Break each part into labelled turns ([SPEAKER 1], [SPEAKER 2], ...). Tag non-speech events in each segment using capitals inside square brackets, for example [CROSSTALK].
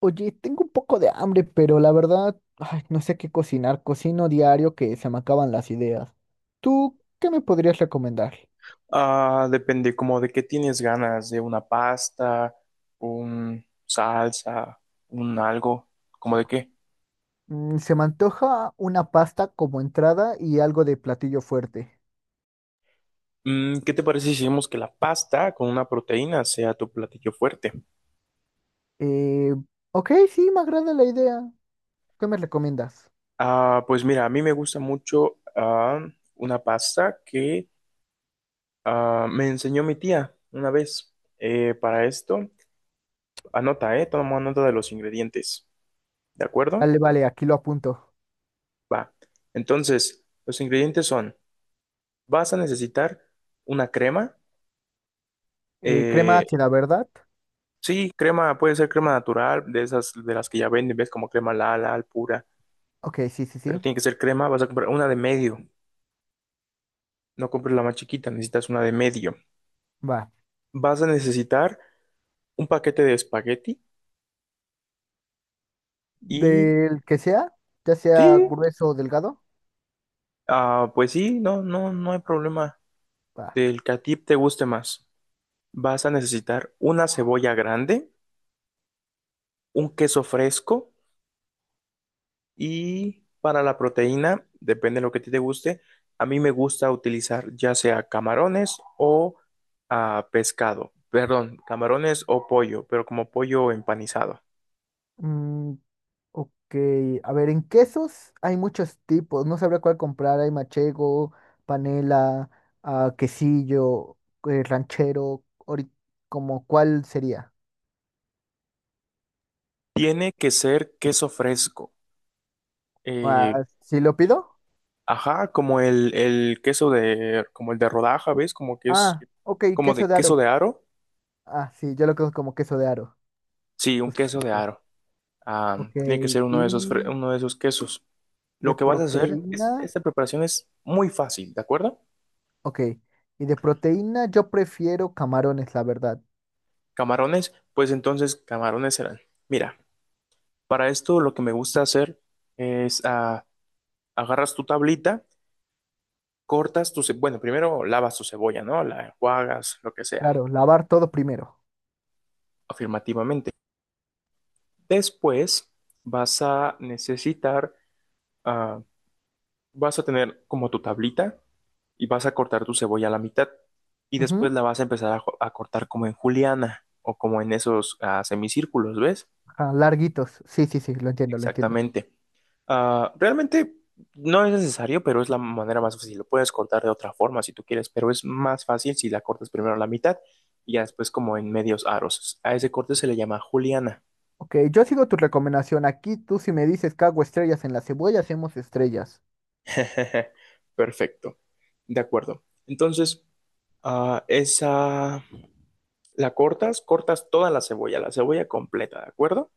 [SPEAKER 1] Oye, tengo un poco de hambre, pero la verdad, ay, no sé qué cocinar. Cocino diario que se me acaban las ideas. ¿Tú qué me podrías recomendar?
[SPEAKER 2] Depende como de qué tienes ganas, de una pasta, un salsa, un algo, como de qué.
[SPEAKER 1] Mm, se me antoja una pasta como entrada y algo de platillo fuerte.
[SPEAKER 2] ¿Qué te parece si hacemos que la pasta con una proteína sea tu platillo fuerte?
[SPEAKER 1] Eh, ok, sí, me agrada la idea. ¿Qué me recomiendas?
[SPEAKER 2] Pues mira, a mí me gusta mucho una pasta que me enseñó mi tía una vez. Para esto, anota, toma nota de los ingredientes, ¿de acuerdo?
[SPEAKER 1] Vale, vale, aquí lo apunto.
[SPEAKER 2] Va. Entonces, los ingredientes son, vas a necesitar una crema.
[SPEAKER 1] Crema
[SPEAKER 2] Eh,
[SPEAKER 1] ácida, ¿verdad?
[SPEAKER 2] sí, crema, puede ser crema natural, de esas de las que ya venden, ves como crema Lala, al pura,
[SPEAKER 1] Ok, sí, sí,
[SPEAKER 2] pero
[SPEAKER 1] sí.
[SPEAKER 2] tiene que ser crema. Vas a comprar una de medio, no compres la más chiquita, necesitas una de medio.
[SPEAKER 1] Va.
[SPEAKER 2] Vas a necesitar un paquete de espagueti y
[SPEAKER 1] Del que sea, ya sea
[SPEAKER 2] sí,
[SPEAKER 1] grueso o delgado.
[SPEAKER 2] pues sí, no hay problema
[SPEAKER 1] Va.
[SPEAKER 2] del que a ti te guste más. Vas a necesitar una cebolla grande, un queso fresco. Y para la proteína, depende de lo que a ti te guste. A mí me gusta utilizar ya sea camarones o pescado. Perdón, camarones o pollo, pero como pollo empanizado.
[SPEAKER 1] Mm, ok, a ver, en quesos hay muchos tipos, no sabría cuál comprar, hay machego, panela, ah, quesillo, ranchero, como cuál sería.
[SPEAKER 2] Tiene que ser queso fresco. Eh,
[SPEAKER 1] Ah, ¿sí lo
[SPEAKER 2] Sí.
[SPEAKER 1] pido?
[SPEAKER 2] Ajá, como el queso de, como el de rodaja, ¿ves? Como que es,
[SPEAKER 1] Ah, ok,
[SPEAKER 2] como de
[SPEAKER 1] queso de aro.
[SPEAKER 2] queso de aro.
[SPEAKER 1] Ah, sí, yo lo conozco como queso de aro,
[SPEAKER 2] Sí, un queso de
[SPEAKER 1] justamente.
[SPEAKER 2] aro. Ah,
[SPEAKER 1] Ok,
[SPEAKER 2] Tiene que ser uno de esos,
[SPEAKER 1] y
[SPEAKER 2] uno de esos quesos.
[SPEAKER 1] de
[SPEAKER 2] Lo que vas a hacer
[SPEAKER 1] proteína,
[SPEAKER 2] es, esta preparación es muy fácil, ¿de acuerdo?
[SPEAKER 1] ok, y de proteína yo prefiero camarones, la verdad.
[SPEAKER 2] Camarones, pues entonces camarones serán. Mira, para esto lo que me gusta hacer es agarras tu tablita, bueno, primero lavas tu cebolla, ¿no? La enjuagas, lo que sea,
[SPEAKER 1] Claro, lavar todo primero.
[SPEAKER 2] afirmativamente. Después vas a necesitar, ah, vas a tener como tu tablita y vas a cortar tu cebolla a la mitad y
[SPEAKER 1] Ujú,
[SPEAKER 2] después la vas a empezar a cortar como en juliana o como en esos semicírculos, ¿ves?
[SPEAKER 1] ajá, larguitos, sí, sí, sí, lo entiendo, lo entiendo.
[SPEAKER 2] Exactamente. Realmente no es necesario, pero es la manera más fácil. Lo puedes cortar de otra forma si tú quieres, pero es más fácil si la cortas primero a la mitad y ya después como en medios aros. A ese corte se le llama juliana.
[SPEAKER 1] Ok, yo sigo tu recomendación. Aquí tú si me dices que hago estrellas en la cebolla, hacemos estrellas.
[SPEAKER 2] [LAUGHS] Perfecto. De acuerdo. Entonces, ah, esa la cortas, cortas toda la cebolla completa, ¿de acuerdo?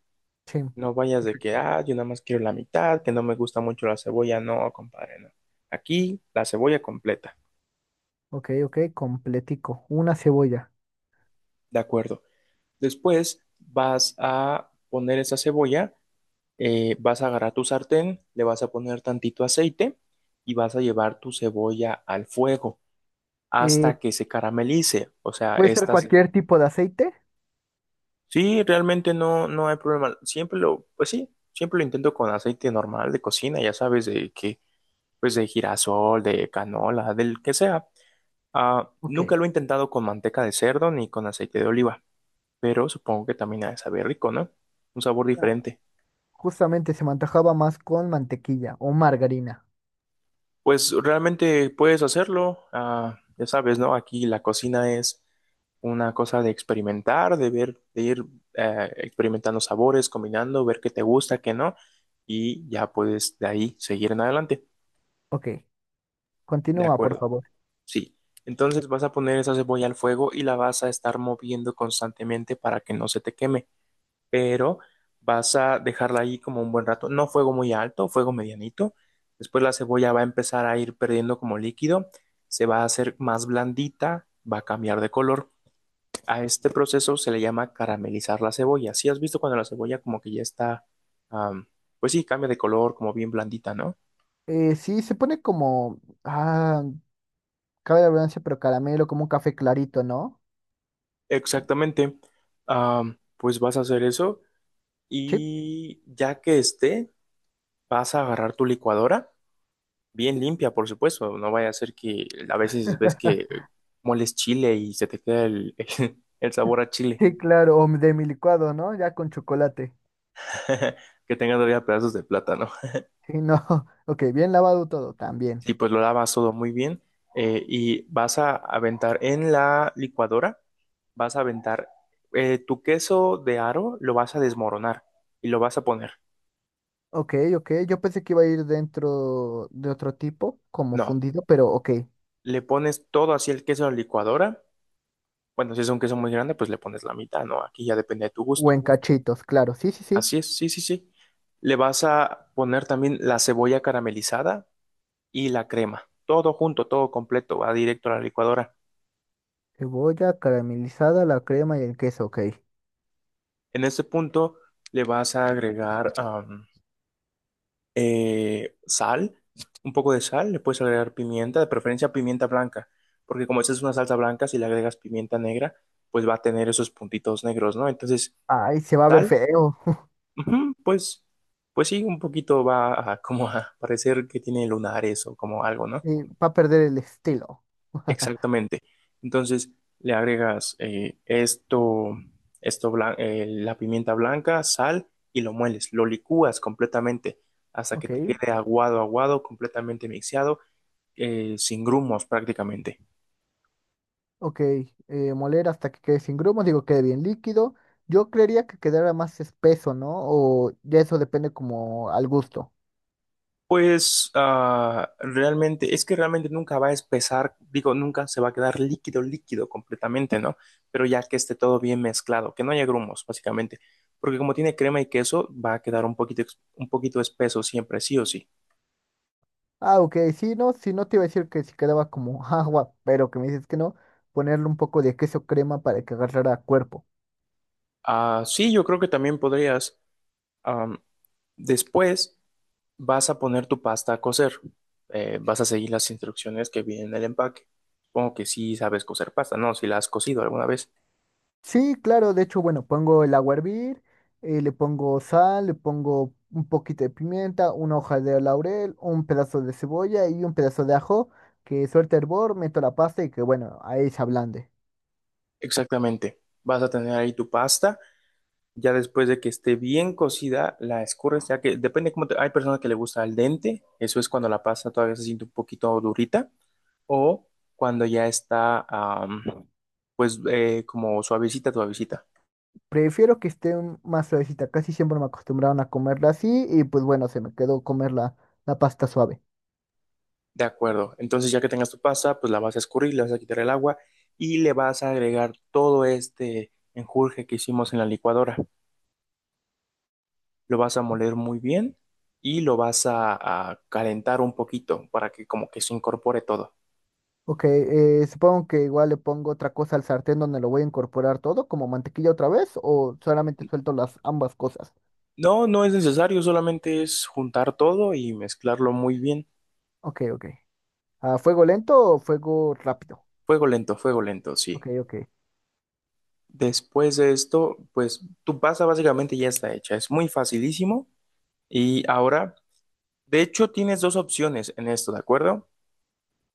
[SPEAKER 1] Sí,
[SPEAKER 2] No vayas de que,
[SPEAKER 1] perfecto.
[SPEAKER 2] yo nada más quiero la mitad, que no me gusta mucho la cebolla. No, compadre, no. Aquí, la cebolla completa.
[SPEAKER 1] Ok, ok, completico. Una cebolla.
[SPEAKER 2] De acuerdo. Después vas a poner esa cebolla, vas a agarrar tu sartén, le vas a poner tantito aceite y vas a llevar tu cebolla al fuego
[SPEAKER 1] Eh,
[SPEAKER 2] hasta que se caramelice. O sea,
[SPEAKER 1] ¿Puede ser, vale,
[SPEAKER 2] estas,
[SPEAKER 1] cualquier tipo de aceite?
[SPEAKER 2] sí, realmente no, no hay problema. Siempre lo, pues sí, siempre lo intento con aceite normal de cocina, ya sabes, de que, pues de girasol, de canola, del que sea.
[SPEAKER 1] Ok.
[SPEAKER 2] Nunca lo he intentado con manteca de cerdo ni con aceite de oliva, pero supongo que también ha de saber rico, ¿no? Un sabor
[SPEAKER 1] Ah,
[SPEAKER 2] diferente.
[SPEAKER 1] justamente se me antojaba más con mantequilla o margarina.
[SPEAKER 2] Pues realmente puedes hacerlo, ya sabes, ¿no? Aquí la cocina es una cosa de experimentar, de ver, de ir experimentando sabores, combinando, ver qué te gusta, qué no, y ya puedes de ahí seguir en adelante.
[SPEAKER 1] Ok,
[SPEAKER 2] De
[SPEAKER 1] continúa, por
[SPEAKER 2] acuerdo,
[SPEAKER 1] favor.
[SPEAKER 2] sí. Entonces vas a poner esa cebolla al fuego y la vas a estar moviendo constantemente para que no se te queme, pero vas a dejarla ahí como un buen rato. No fuego muy alto, fuego medianito. Después la cebolla va a empezar a ir perdiendo como líquido, se va a hacer más blandita, va a cambiar de color. A este proceso se le llama caramelizar la cebolla. Si has visto cuando la cebolla como que ya está, am, pues sí, cambia de color, como bien blandita, ¿no?
[SPEAKER 1] Sí, se pone como, ah, cabe la redundancia, pero caramelo, como un café clarito, ¿no?
[SPEAKER 2] Exactamente. Pues vas a hacer eso
[SPEAKER 1] Sí,
[SPEAKER 2] y ya que esté, vas a agarrar tu licuadora bien limpia, por supuesto. No vaya a ser que a veces ves que moles chile y se te queda [LAUGHS] el sabor a chile,
[SPEAKER 1] sí, claro, o de mi licuado, ¿no? Ya con chocolate.
[SPEAKER 2] [LAUGHS] que tenga todavía pedazos de plátano.
[SPEAKER 1] Sí, no. [LAUGHS] Ok, bien lavado todo también.
[SPEAKER 2] Sí, pues lo lavas todo muy bien, y vas a aventar en la licuadora, vas a aventar tu queso de aro, lo vas a desmoronar y lo vas a poner.
[SPEAKER 1] Ok, ok. Yo pensé que iba a ir dentro de otro tipo, como
[SPEAKER 2] No,
[SPEAKER 1] fundido, pero ok.
[SPEAKER 2] le pones todo así el queso a la licuadora. Bueno, si es un queso muy grande, pues le pones la mitad, ¿no? Aquí ya depende de tu
[SPEAKER 1] O
[SPEAKER 2] gusto.
[SPEAKER 1] en cachitos, claro. Sí, sí, sí.
[SPEAKER 2] Así es, sí, sí, sí. Le vas a poner también la cebolla caramelizada y la crema. Todo junto, todo completo, va directo a la licuadora.
[SPEAKER 1] Cebolla caramelizada, la crema y el queso, ok.
[SPEAKER 2] En este punto le vas a agregar sal, un poco de sal, le puedes agregar pimienta, de preferencia pimienta blanca, porque como esta es una salsa blanca, si le agregas pimienta negra, pues va a tener esos puntitos negros, ¿no? Entonces,
[SPEAKER 1] Ay, se va a ver
[SPEAKER 2] sal,
[SPEAKER 1] feo. [LAUGHS]
[SPEAKER 2] ujú, pues, pues sí, un poquito va a, como a parecer que tiene lunares o como algo, ¿no?
[SPEAKER 1] Y va a perder el estilo. [LAUGHS]
[SPEAKER 2] Exactamente. Entonces le agregas la pimienta blanca, sal y lo mueles, lo licúas completamente hasta que
[SPEAKER 1] Ok,
[SPEAKER 2] te quede aguado, aguado, completamente mixeado, sin grumos prácticamente.
[SPEAKER 1] ok, moler hasta que quede sin grumos, digo, quede bien líquido. Yo creería que quedara más espeso, ¿no? O ya eso depende como al gusto.
[SPEAKER 2] Pues es que realmente nunca va a espesar, digo, nunca se va a quedar líquido, líquido completamente, ¿no? Pero ya que esté todo bien mezclado, que no haya grumos, básicamente. Porque como tiene crema y queso, va a quedar un poquito, un poquito espeso siempre, sí o sí.
[SPEAKER 1] Ah, ok, sí, no, si no te iba a decir que si quedaba como [LAUGHS] agua, pero que me dices que no, ponerle un poco de queso crema para que agarrara cuerpo.
[SPEAKER 2] Sí, yo creo que también podrías. Am, Después vas a poner tu pasta a cocer. Vas a seguir las instrucciones que vienen en el empaque. Supongo que sí sabes cocer pasta, ¿no? Si la has cocido alguna vez.
[SPEAKER 1] Sí, claro, de hecho, bueno, pongo el agua a hervir, le pongo sal, le pongo un poquito de pimienta, una hoja de laurel, un pedazo de cebolla y un pedazo de ajo, que suelta hervor, meto la pasta y que bueno, ahí se ablande.
[SPEAKER 2] Exactamente. Vas a tener ahí tu pasta. Ya después de que esté bien cocida, la escurres, ya que depende cómo te... Hay personas que le gusta al dente. Eso es cuando la pasta todavía se siente un poquito durita. O cuando ya está, pues, como suavecita, suavecita.
[SPEAKER 1] Prefiero que esté más suavecita, casi siempre me acostumbraron a comerla así y pues bueno, se me quedó comer la, la pasta suave.
[SPEAKER 2] De acuerdo. Entonces, ya que tengas tu pasta, pues la vas a escurrir, le vas a quitar el agua y le vas a agregar todo este enjurje que hicimos en la licuadora. Lo vas a moler muy bien y lo vas a calentar un poquito para que como que se incorpore todo.
[SPEAKER 1] Ok, supongo que igual le pongo otra cosa al sartén donde lo voy a incorporar todo, como mantequilla otra vez, o solamente suelto las ambas cosas.
[SPEAKER 2] No, no es necesario, solamente es juntar todo y mezclarlo muy bien.
[SPEAKER 1] Ok, ok. ¿A fuego lento o fuego rápido?
[SPEAKER 2] Fuego lento,
[SPEAKER 1] Ok,
[SPEAKER 2] sí.
[SPEAKER 1] ok.
[SPEAKER 2] Después de esto, pues tu pasta básicamente ya está hecha. Es muy facilísimo. Y ahora, de hecho, tienes dos opciones en esto, ¿de acuerdo?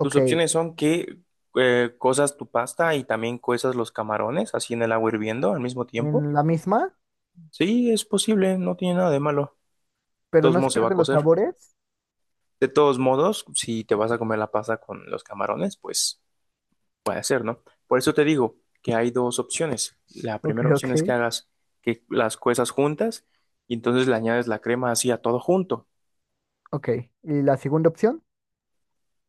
[SPEAKER 2] Tus opciones son que cozas tu pasta y también cuezas los camarones así en el agua hirviendo al mismo tiempo.
[SPEAKER 1] en la misma,
[SPEAKER 2] Sí, es posible, no tiene nada de malo. De
[SPEAKER 1] pero
[SPEAKER 2] todos
[SPEAKER 1] no se
[SPEAKER 2] modos se va a
[SPEAKER 1] pierden los
[SPEAKER 2] cocer.
[SPEAKER 1] sabores.
[SPEAKER 2] De todos modos, si te vas a comer la pasta con los camarones, pues puede ser, ¿no? Por eso te digo que hay dos opciones. La
[SPEAKER 1] Ok,
[SPEAKER 2] primera opción
[SPEAKER 1] ok.
[SPEAKER 2] es que hagas que las cuezas juntas y entonces le añades la crema así a todo junto.
[SPEAKER 1] Ok. ¿Y la segunda opción?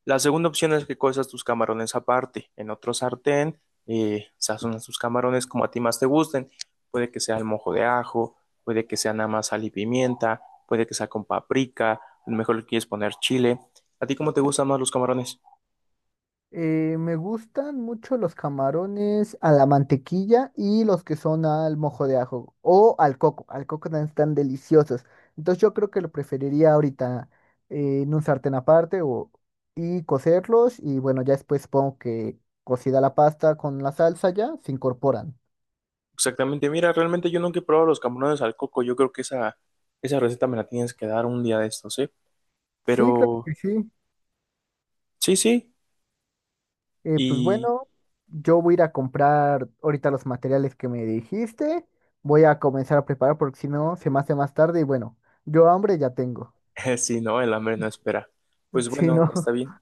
[SPEAKER 2] La segunda opción es que cuezas tus camarones aparte, en otro sartén, sazonas tus camarones como a ti más te gusten. Puede que sea el mojo de ajo, puede que sea nada más sal y pimienta, puede que sea con paprika, a lo mejor le quieres poner chile. ¿A ti cómo te gustan más los camarones?
[SPEAKER 1] Me gustan mucho los camarones a la mantequilla y los que son al mojo de ajo o al coco. Al coco también están deliciosos. Entonces yo creo que lo preferiría ahorita, en un sartén aparte o, y cocerlos y bueno, ya después pongo que cocida la pasta con la salsa ya se incorporan.
[SPEAKER 2] Exactamente, mira, realmente yo nunca he probado los camarones al coco, yo creo que esa receta me la tienes que dar un día de estos, ¿eh?
[SPEAKER 1] Sí, claro
[SPEAKER 2] Pero
[SPEAKER 1] que sí.
[SPEAKER 2] sí, sí,
[SPEAKER 1] Pues
[SPEAKER 2] y
[SPEAKER 1] bueno, yo voy a ir a comprar ahorita los materiales que me dijiste. Voy a comenzar a preparar porque si no se me hace más tarde y bueno, yo hambre ya tengo.
[SPEAKER 2] [LAUGHS] si no, el hambre no espera. Pues
[SPEAKER 1] Sí,
[SPEAKER 2] bueno, está
[SPEAKER 1] no. [LAUGHS]
[SPEAKER 2] bien.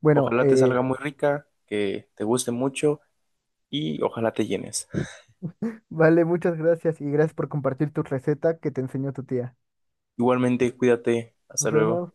[SPEAKER 1] Bueno,
[SPEAKER 2] Ojalá te salga muy rica, que te guste mucho y ojalá te llenes.
[SPEAKER 1] vale, muchas gracias y gracias por compartir tu receta que te enseñó tu tía.
[SPEAKER 2] Igualmente, cuídate.
[SPEAKER 1] Nos
[SPEAKER 2] Hasta luego.
[SPEAKER 1] vemos.